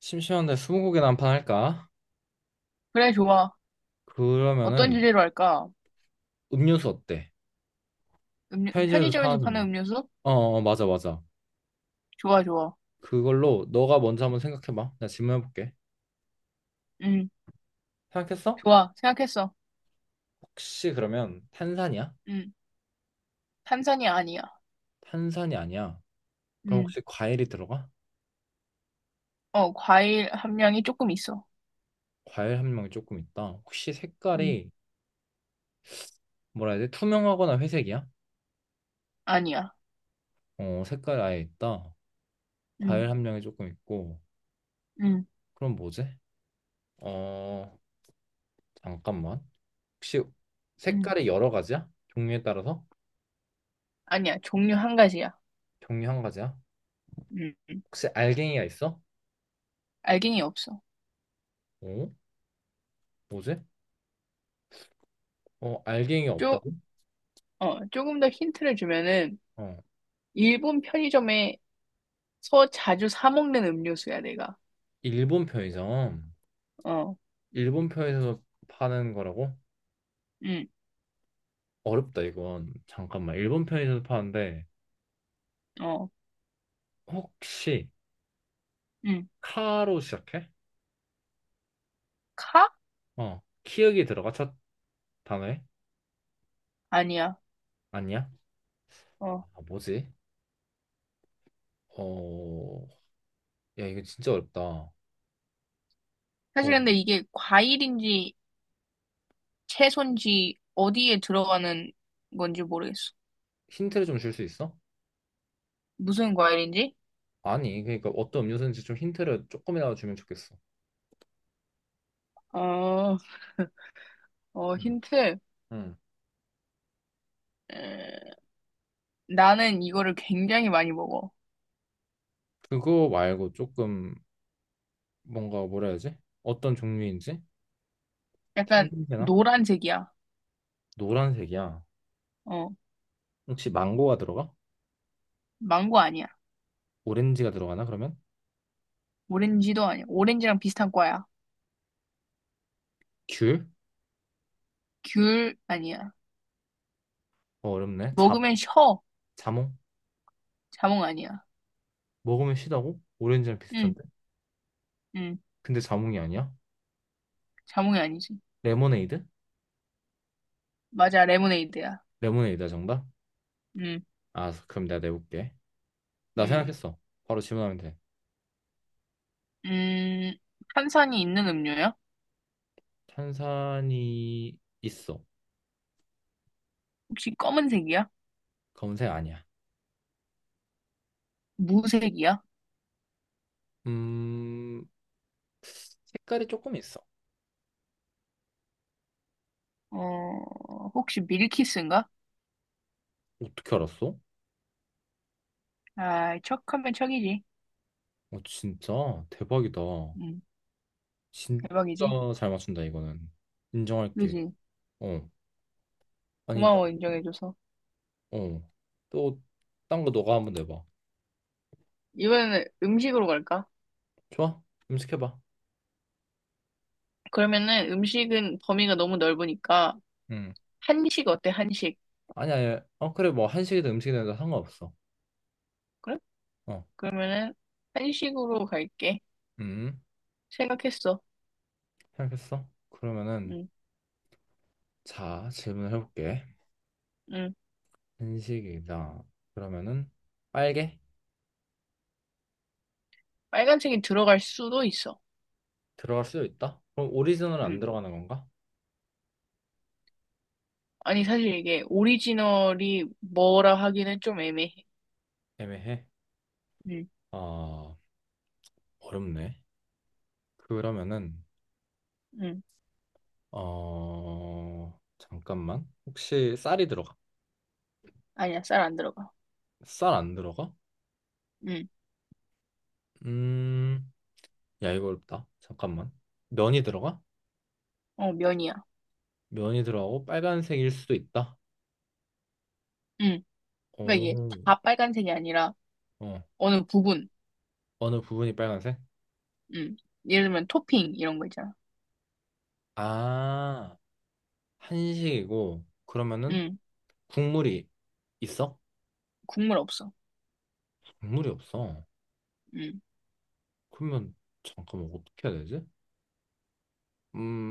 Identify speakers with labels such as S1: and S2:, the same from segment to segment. S1: 심심한데 스무고개나 한 판 할까?
S2: 그래, 좋아. 어떤
S1: 그러면은
S2: 주제로 할까?
S1: 음료수 어때?
S2: 음료,
S1: 편의점에서
S2: 편의점에서
S1: 파는
S2: 파는
S1: 음료.
S2: 음료수?
S1: 어, 어, 맞아, 맞아.
S2: 좋아, 좋아.
S1: 그걸로 너가 먼저 한번 생각해봐. 나 질문해볼게.
S2: 음,
S1: 생각했어?
S2: 좋아. 생각했어.
S1: 혹시 그러면 탄산이야?
S2: 음, 탄산이 아니야.
S1: 탄산이 아니야. 그럼
S2: 음,
S1: 혹시 과일이 들어가?
S2: 과일 함량이 조금 있어.
S1: 과일 함량이 조금 있다. 혹시
S2: 음,
S1: 색깔이 뭐라 해야 돼? 투명하거나 회색이야?
S2: 아니야.
S1: 어, 색깔 아예 있다.
S2: 음,
S1: 과일 함량이 조금 있고.
S2: 음,
S1: 그럼 뭐지? 어, 잠깐만. 혹시
S2: 음,
S1: 색깔이 여러 가지야? 종류에 따라서?
S2: 아니야. 종류 한 가지야.
S1: 종류 한 가지야?
S2: 음,
S1: 혹시 알갱이가 있어?
S2: 알갱이 없어.
S1: 어? 뭐지? 알갱이
S2: 쪼,
S1: 없다고?
S2: 조금 더 힌트를 주면은,
S1: 어.
S2: 일본 편의점에서 자주 사 먹는 음료수야, 내가.
S1: 일본 편의점.
S2: 어,
S1: 일본 편의점에서 파는 거라고?
S2: 음,
S1: 어렵다, 이건. 잠깐만. 일본 편의점에서 파는데,
S2: 어,
S1: 혹시,
S2: 음,
S1: 카로 시작해?
S2: 카?
S1: 어. 키읔이 들어가? 첫 단어에?
S2: 아니야.
S1: 아니야?
S2: 어.
S1: 아, 뭐지? 어, 야, 이거 진짜 어렵다.
S2: 사실 근데 이게 과일인지 채소인지 어디에 들어가는 건지 모르겠어.
S1: 힌트를 좀 줄 수 있어?
S2: 무슨 과일인지?
S1: 아니, 그러니까 어떤 음료수인지 좀 힌트를 조금이라도 주면 좋겠어.
S2: 어,
S1: 응.
S2: 힌트.
S1: 응.
S2: 에, 나는 이거를 굉장히 많이 먹어.
S1: 그거 말고 조금 뭔가 뭐라 해야지? 어떤 종류인지?
S2: 약간
S1: 생김새나?
S2: 노란색이야.
S1: 노란색이야.
S2: 어,
S1: 혹시 망고가 들어가?
S2: 망고 아니야.
S1: 오렌지가 들어가나 그러면?
S2: 오렌지도 아니야. 오렌지랑 비슷한 과야.
S1: 귤?
S2: 귤 아니야.
S1: 어렵네. 자,
S2: 먹으면 셔.
S1: 자몽?
S2: 자몽 아니야.
S1: 먹으면 시다고? 오렌지랑
S2: 응,
S1: 비슷한데?
S2: 응.
S1: 근데 자몽이 아니야?
S2: 자몽이 아니지.
S1: 레모네이드?
S2: 맞아, 레모네이드야.
S1: 레모네이드야 정답?
S2: 응,
S1: 아 그럼 내가 내볼게. 나
S2: 응.
S1: 생각했어. 바로 질문하면 돼.
S2: 음, 탄산이 있는 음료야?
S1: 탄산이 있어.
S2: 혹시 검은색이야?
S1: 검은색 아니야.
S2: 무색이야?
S1: 음 색깔이 조금 있어.
S2: 혹시 밀키스인가?
S1: 어떻게 알았어?
S2: 아, 척하면 척이지.
S1: 진짜 대박이다.
S2: 응,
S1: 진짜
S2: 대박이지.
S1: 잘 맞춘다. 이거는 인정할게.
S2: 그지?
S1: 어. 아니,
S2: 고마워, 인정해줘서.
S1: 나어또딴거 너가 한번 내봐.
S2: 이번에는 음식으로 갈까?
S1: 좋아. 음식 해봐.
S2: 그러면은 음식은 범위가 너무 넓으니까,
S1: 응.
S2: 한식 어때, 한식?
S1: 아니 아니 어 그래, 뭐 한식이든 음식이든 다 상관없어.
S2: 그래? 그러면은 한식으로 갈게.
S1: 어음
S2: 생각했어.
S1: 생각했어, 그러면은.
S2: 응,
S1: 자 질문을 해볼게.
S2: 응.
S1: 한식이다, 그러면은 빨개.
S2: 빨간색이 들어갈 수도 있어.
S1: 들어갈 수도 있다. 그럼 오리지널은 안
S2: 응.
S1: 들어가는 건가?
S2: 아니, 사실 이게 오리지널이 뭐라 하기는 좀 애매해.
S1: 애매해.
S2: 응,
S1: 아 어렵네. 그러면은
S2: 응.
S1: 잠깐만, 혹시 쌀이 들어가?
S2: 아니야, 쌀 안 들어가.
S1: 쌀 안 들어가?
S2: 응,
S1: 음, 야, 이거 어렵다. 잠깐만. 면이 들어가?
S2: 면이야.
S1: 면이 들어가고 빨간색일 수도 있다.
S2: 응. 그러니까 이게
S1: 오,
S2: 다 빨간색이 아니라
S1: 어,
S2: 어느 부분.
S1: 어느 부분이 빨간색?
S2: 음. 예를 들면 토핑 이런 거 있잖아.
S1: 아, 한식이고, 그러면은
S2: 음.
S1: 국물이 있어?
S2: 국물 없어.
S1: 국물이 없어.
S2: 음.
S1: 그러면, 잠깐만, 어떻게 해야 되지?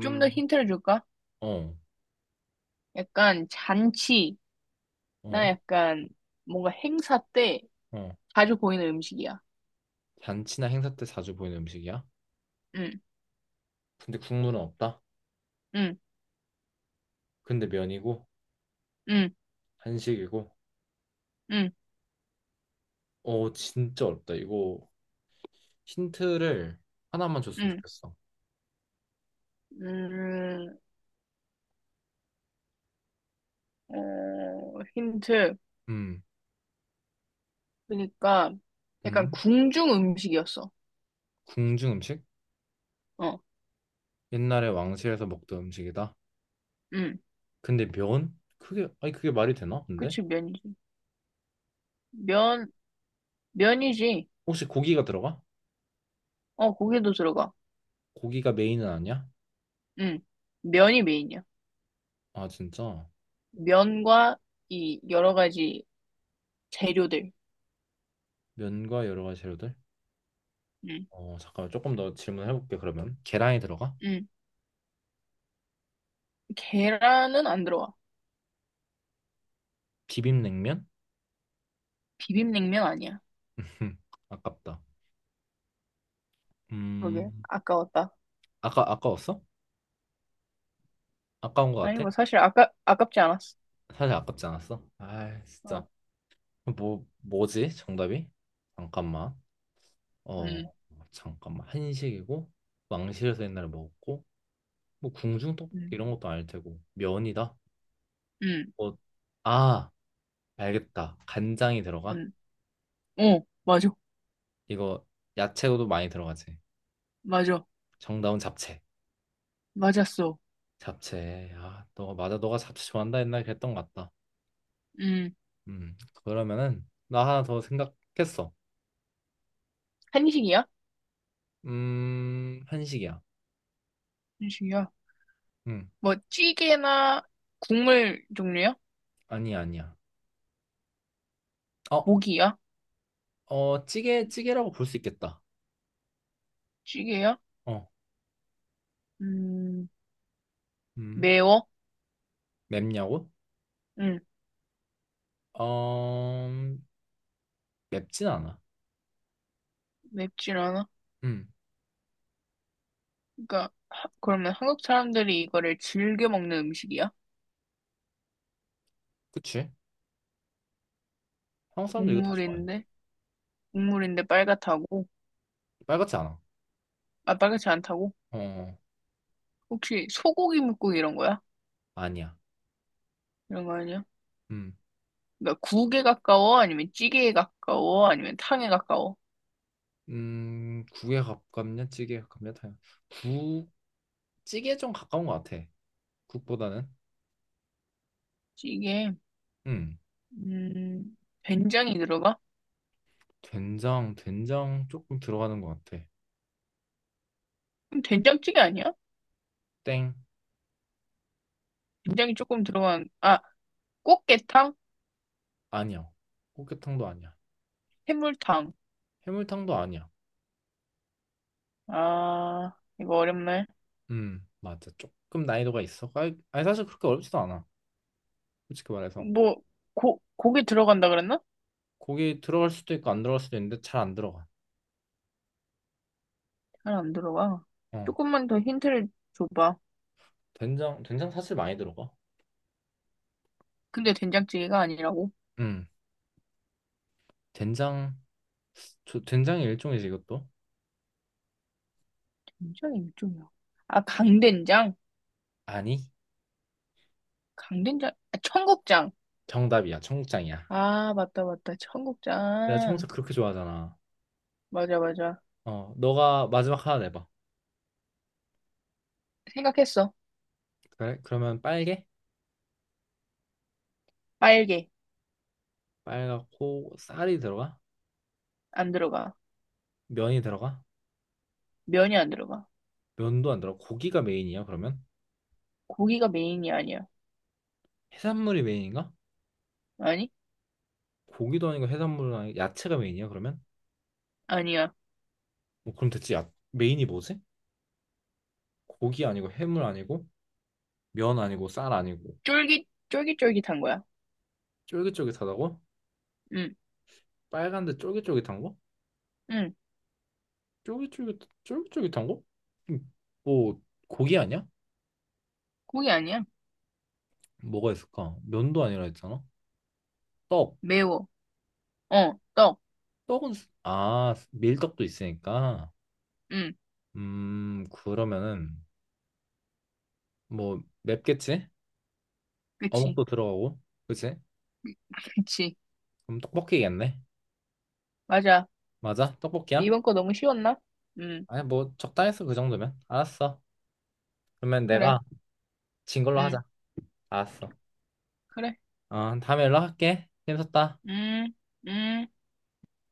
S2: 좀 더 힌트를 줄까?
S1: 어,
S2: 약간 잔치나
S1: 어,
S2: 약간 뭔가 행사 때
S1: 어.
S2: 자주 보이는 음식이야.
S1: 잔치나 행사 때 자주 보이는 음식이야?
S2: 음.
S1: 근데 국물은 없다?
S2: 음.
S1: 근데 면이고,
S2: 음.
S1: 한식이고,
S2: 음.
S1: 진짜 어렵다. 이거 힌트를 하나만 줬으면
S2: 음.
S1: 좋겠어.
S2: 음. 힌트.
S1: 음,
S2: 그러니까 약간
S1: 음,
S2: 궁중 음식이었어.
S1: 궁중 음식?
S2: 어.
S1: 옛날에 왕실에서 먹던 음식이다.
S2: 음.
S1: 근데 면? 그게, 아니, 그게 말이 되나? 근데?
S2: 그치 면이지. 면 면이지.
S1: 혹시 고기가 들어가?
S2: 고기도 들어가.
S1: 고기가 메인은 아니야?
S2: 음. 면이 메인이야.
S1: 아, 진짜?
S2: 면과 이 여러 가지 재료들.
S1: 면과 여러 가지 재료들?
S2: 응,
S1: 잠깐만, 조금 더 질문해볼게, 그러면. 계란이 들어가?
S2: 응. 계란은 안 들어와.
S1: 비빔냉면?
S2: 비빔냉면 아니야.
S1: 흠, 아깝다.
S2: 그게
S1: 음,
S2: 아까웠다.
S1: 아까웠어? 아까운 것
S2: 아니
S1: 같아?
S2: 뭐 사실 아까 아깝지 않았어.
S1: 사실 아깝지 않았어? 아, 진짜.
S2: 어,
S1: 뭐지? 정답이? 잠깐만. 어
S2: 응,
S1: 잠깐만, 한식이고 왕실에서 옛날에 먹었고 뭐 궁중 떡볶이
S2: 응,
S1: 이런 것도 아닐 테고 면이다.
S2: 응.
S1: 어, 아 알겠다. 간장이 들어가?
S2: 뭔? 맞아,
S1: 이거 야채도 많이 들어가지.
S2: 맞아,
S1: 정답은 잡채.
S2: 맞았어.
S1: 잡채. 아 너 맞아. 너가 잡채 좋아한다 옛날에 그랬던 것 같다.
S2: 응.
S1: 음 그러면은 나 하나 더 생각했어.
S2: 한식이야?
S1: 한식이야.
S2: 한식이야.
S1: 음
S2: 뭐 찌개나 국물 종류야?
S1: 아니야 아니야. 어
S2: 고기야?
S1: 어, 찌개라고 볼 수 있겠다.
S2: 찌개야?
S1: 어.
S2: 음,
S1: 음
S2: 매워?
S1: 맵냐고?
S2: 응,
S1: 어, 맵진 않아.
S2: 맵진 않아.
S1: 음,
S2: 그러니까 그러면 한국 사람들이 이거를 즐겨 먹는 음식이야?
S1: 그치? 한국 사람들 이거 다 좋아해.
S2: 동물인데? 동물인데 빨갛다고?
S1: 빨갛지 않아.
S2: 아, 빨갛지 않다고?
S1: 어,
S2: 혹시 소고기, 묵고기 이런 거야?
S1: 아니야.
S2: 이런 거 아니야?
S1: 음,
S2: 그러니까 국에 가까워? 아니면 찌개에 가까워? 아니면 탕에 가까워?
S1: 국에 가깝냐, 찌개에 가깝냐, 다, 국, 찌개에 좀 가까운 것 같아. 국보다는.
S2: 찌개,
S1: 음,
S2: 음, 된장이 들어가?
S1: 된장 조금 들어가는 것 같아.
S2: 그럼 된장찌개 아니야?
S1: 땡,
S2: 된장이 조금 들어간, 아, 꽃게탕?
S1: 아니야. 꽃게탕도 아니야.
S2: 해물탕.
S1: 해물탕도 아니야.
S2: 아, 이거 어렵네.
S1: 맞아. 조금 난이도가 있어. 아니, 아니, 사실 그렇게 어렵지도 않아. 솔직히 말해서.
S2: 뭐, 고기 들어간다 그랬나?
S1: 고기 들어갈 수도 있고 안 들어갈 수도 있는데 잘 안 들어가.
S2: 잘 안 들어가.
S1: 어,
S2: 조금만 더 힌트를 줘봐.
S1: 된장 사실 많이 들어가.
S2: 근데 된장찌개가 아니라고?
S1: 음, 된장. 저 된장이 일종이지 이것도?
S2: 된장이 일종이야. 아, 강된장?
S1: 아니,
S2: 강된장? 아, 청국장.
S1: 정답이야. 청국장이야.
S2: 아, 맞다, 맞다.
S1: 내가 응. 청국장
S2: 청국장.
S1: 그렇게 좋아하잖아.
S2: 맞아, 맞아.
S1: 너가 마지막 하나 내봐.
S2: 생각했어.
S1: 그래? 그러면 빨개?
S2: 빨개.
S1: 빨갛고 쌀이 들어가?
S2: 안 들어가.
S1: 면이 들어가?
S2: 면이 안 들어가.
S1: 면도 안 들어가. 고기가 메인이야, 그러면?
S2: 고기가 메인이 아니야.
S1: 해산물이 메인인가?
S2: 아니?
S1: 고기도 아니고 해산물은 아니고 야채가 메인이야, 그러면?
S2: 아니야.
S1: 뭐 그럼 대체 야, 메인이 뭐지? 고기 아니고 해물 아니고 면 아니고 쌀 아니고
S2: 쫄깃쫄깃한 거야.
S1: 쫄깃쫄깃하다고?
S2: 응,
S1: 빨간데 쫄깃쫄깃한 거?
S2: 응.
S1: 쫄깃쫄깃 쫄깃쫄깃한 거? 음, 뭐 고기 아니야?
S2: 고기 아니야.
S1: 뭐가 있을까? 면도 아니라 했잖아. 떡.
S2: 매워. 떡.
S1: 떡은 아 밀떡도 있으니까.
S2: 응,
S1: 그러면은 뭐 맵겠지?
S2: 그치.
S1: 어묵도 들어가고. 그치?
S2: 그치.
S1: 그럼 떡볶이겠네.
S2: 맞아.
S1: 맞아? 떡볶이야?
S2: 이번 거 너무 쉬웠나? 응,
S1: 아니 뭐 적당했어 그 정도면. 알았어. 그러면
S2: 그래.
S1: 내가 진 걸로
S2: 응,
S1: 하자. 알았어.
S2: 그래.
S1: 다음에 연락할게. 힘썼다.
S2: 응, 응.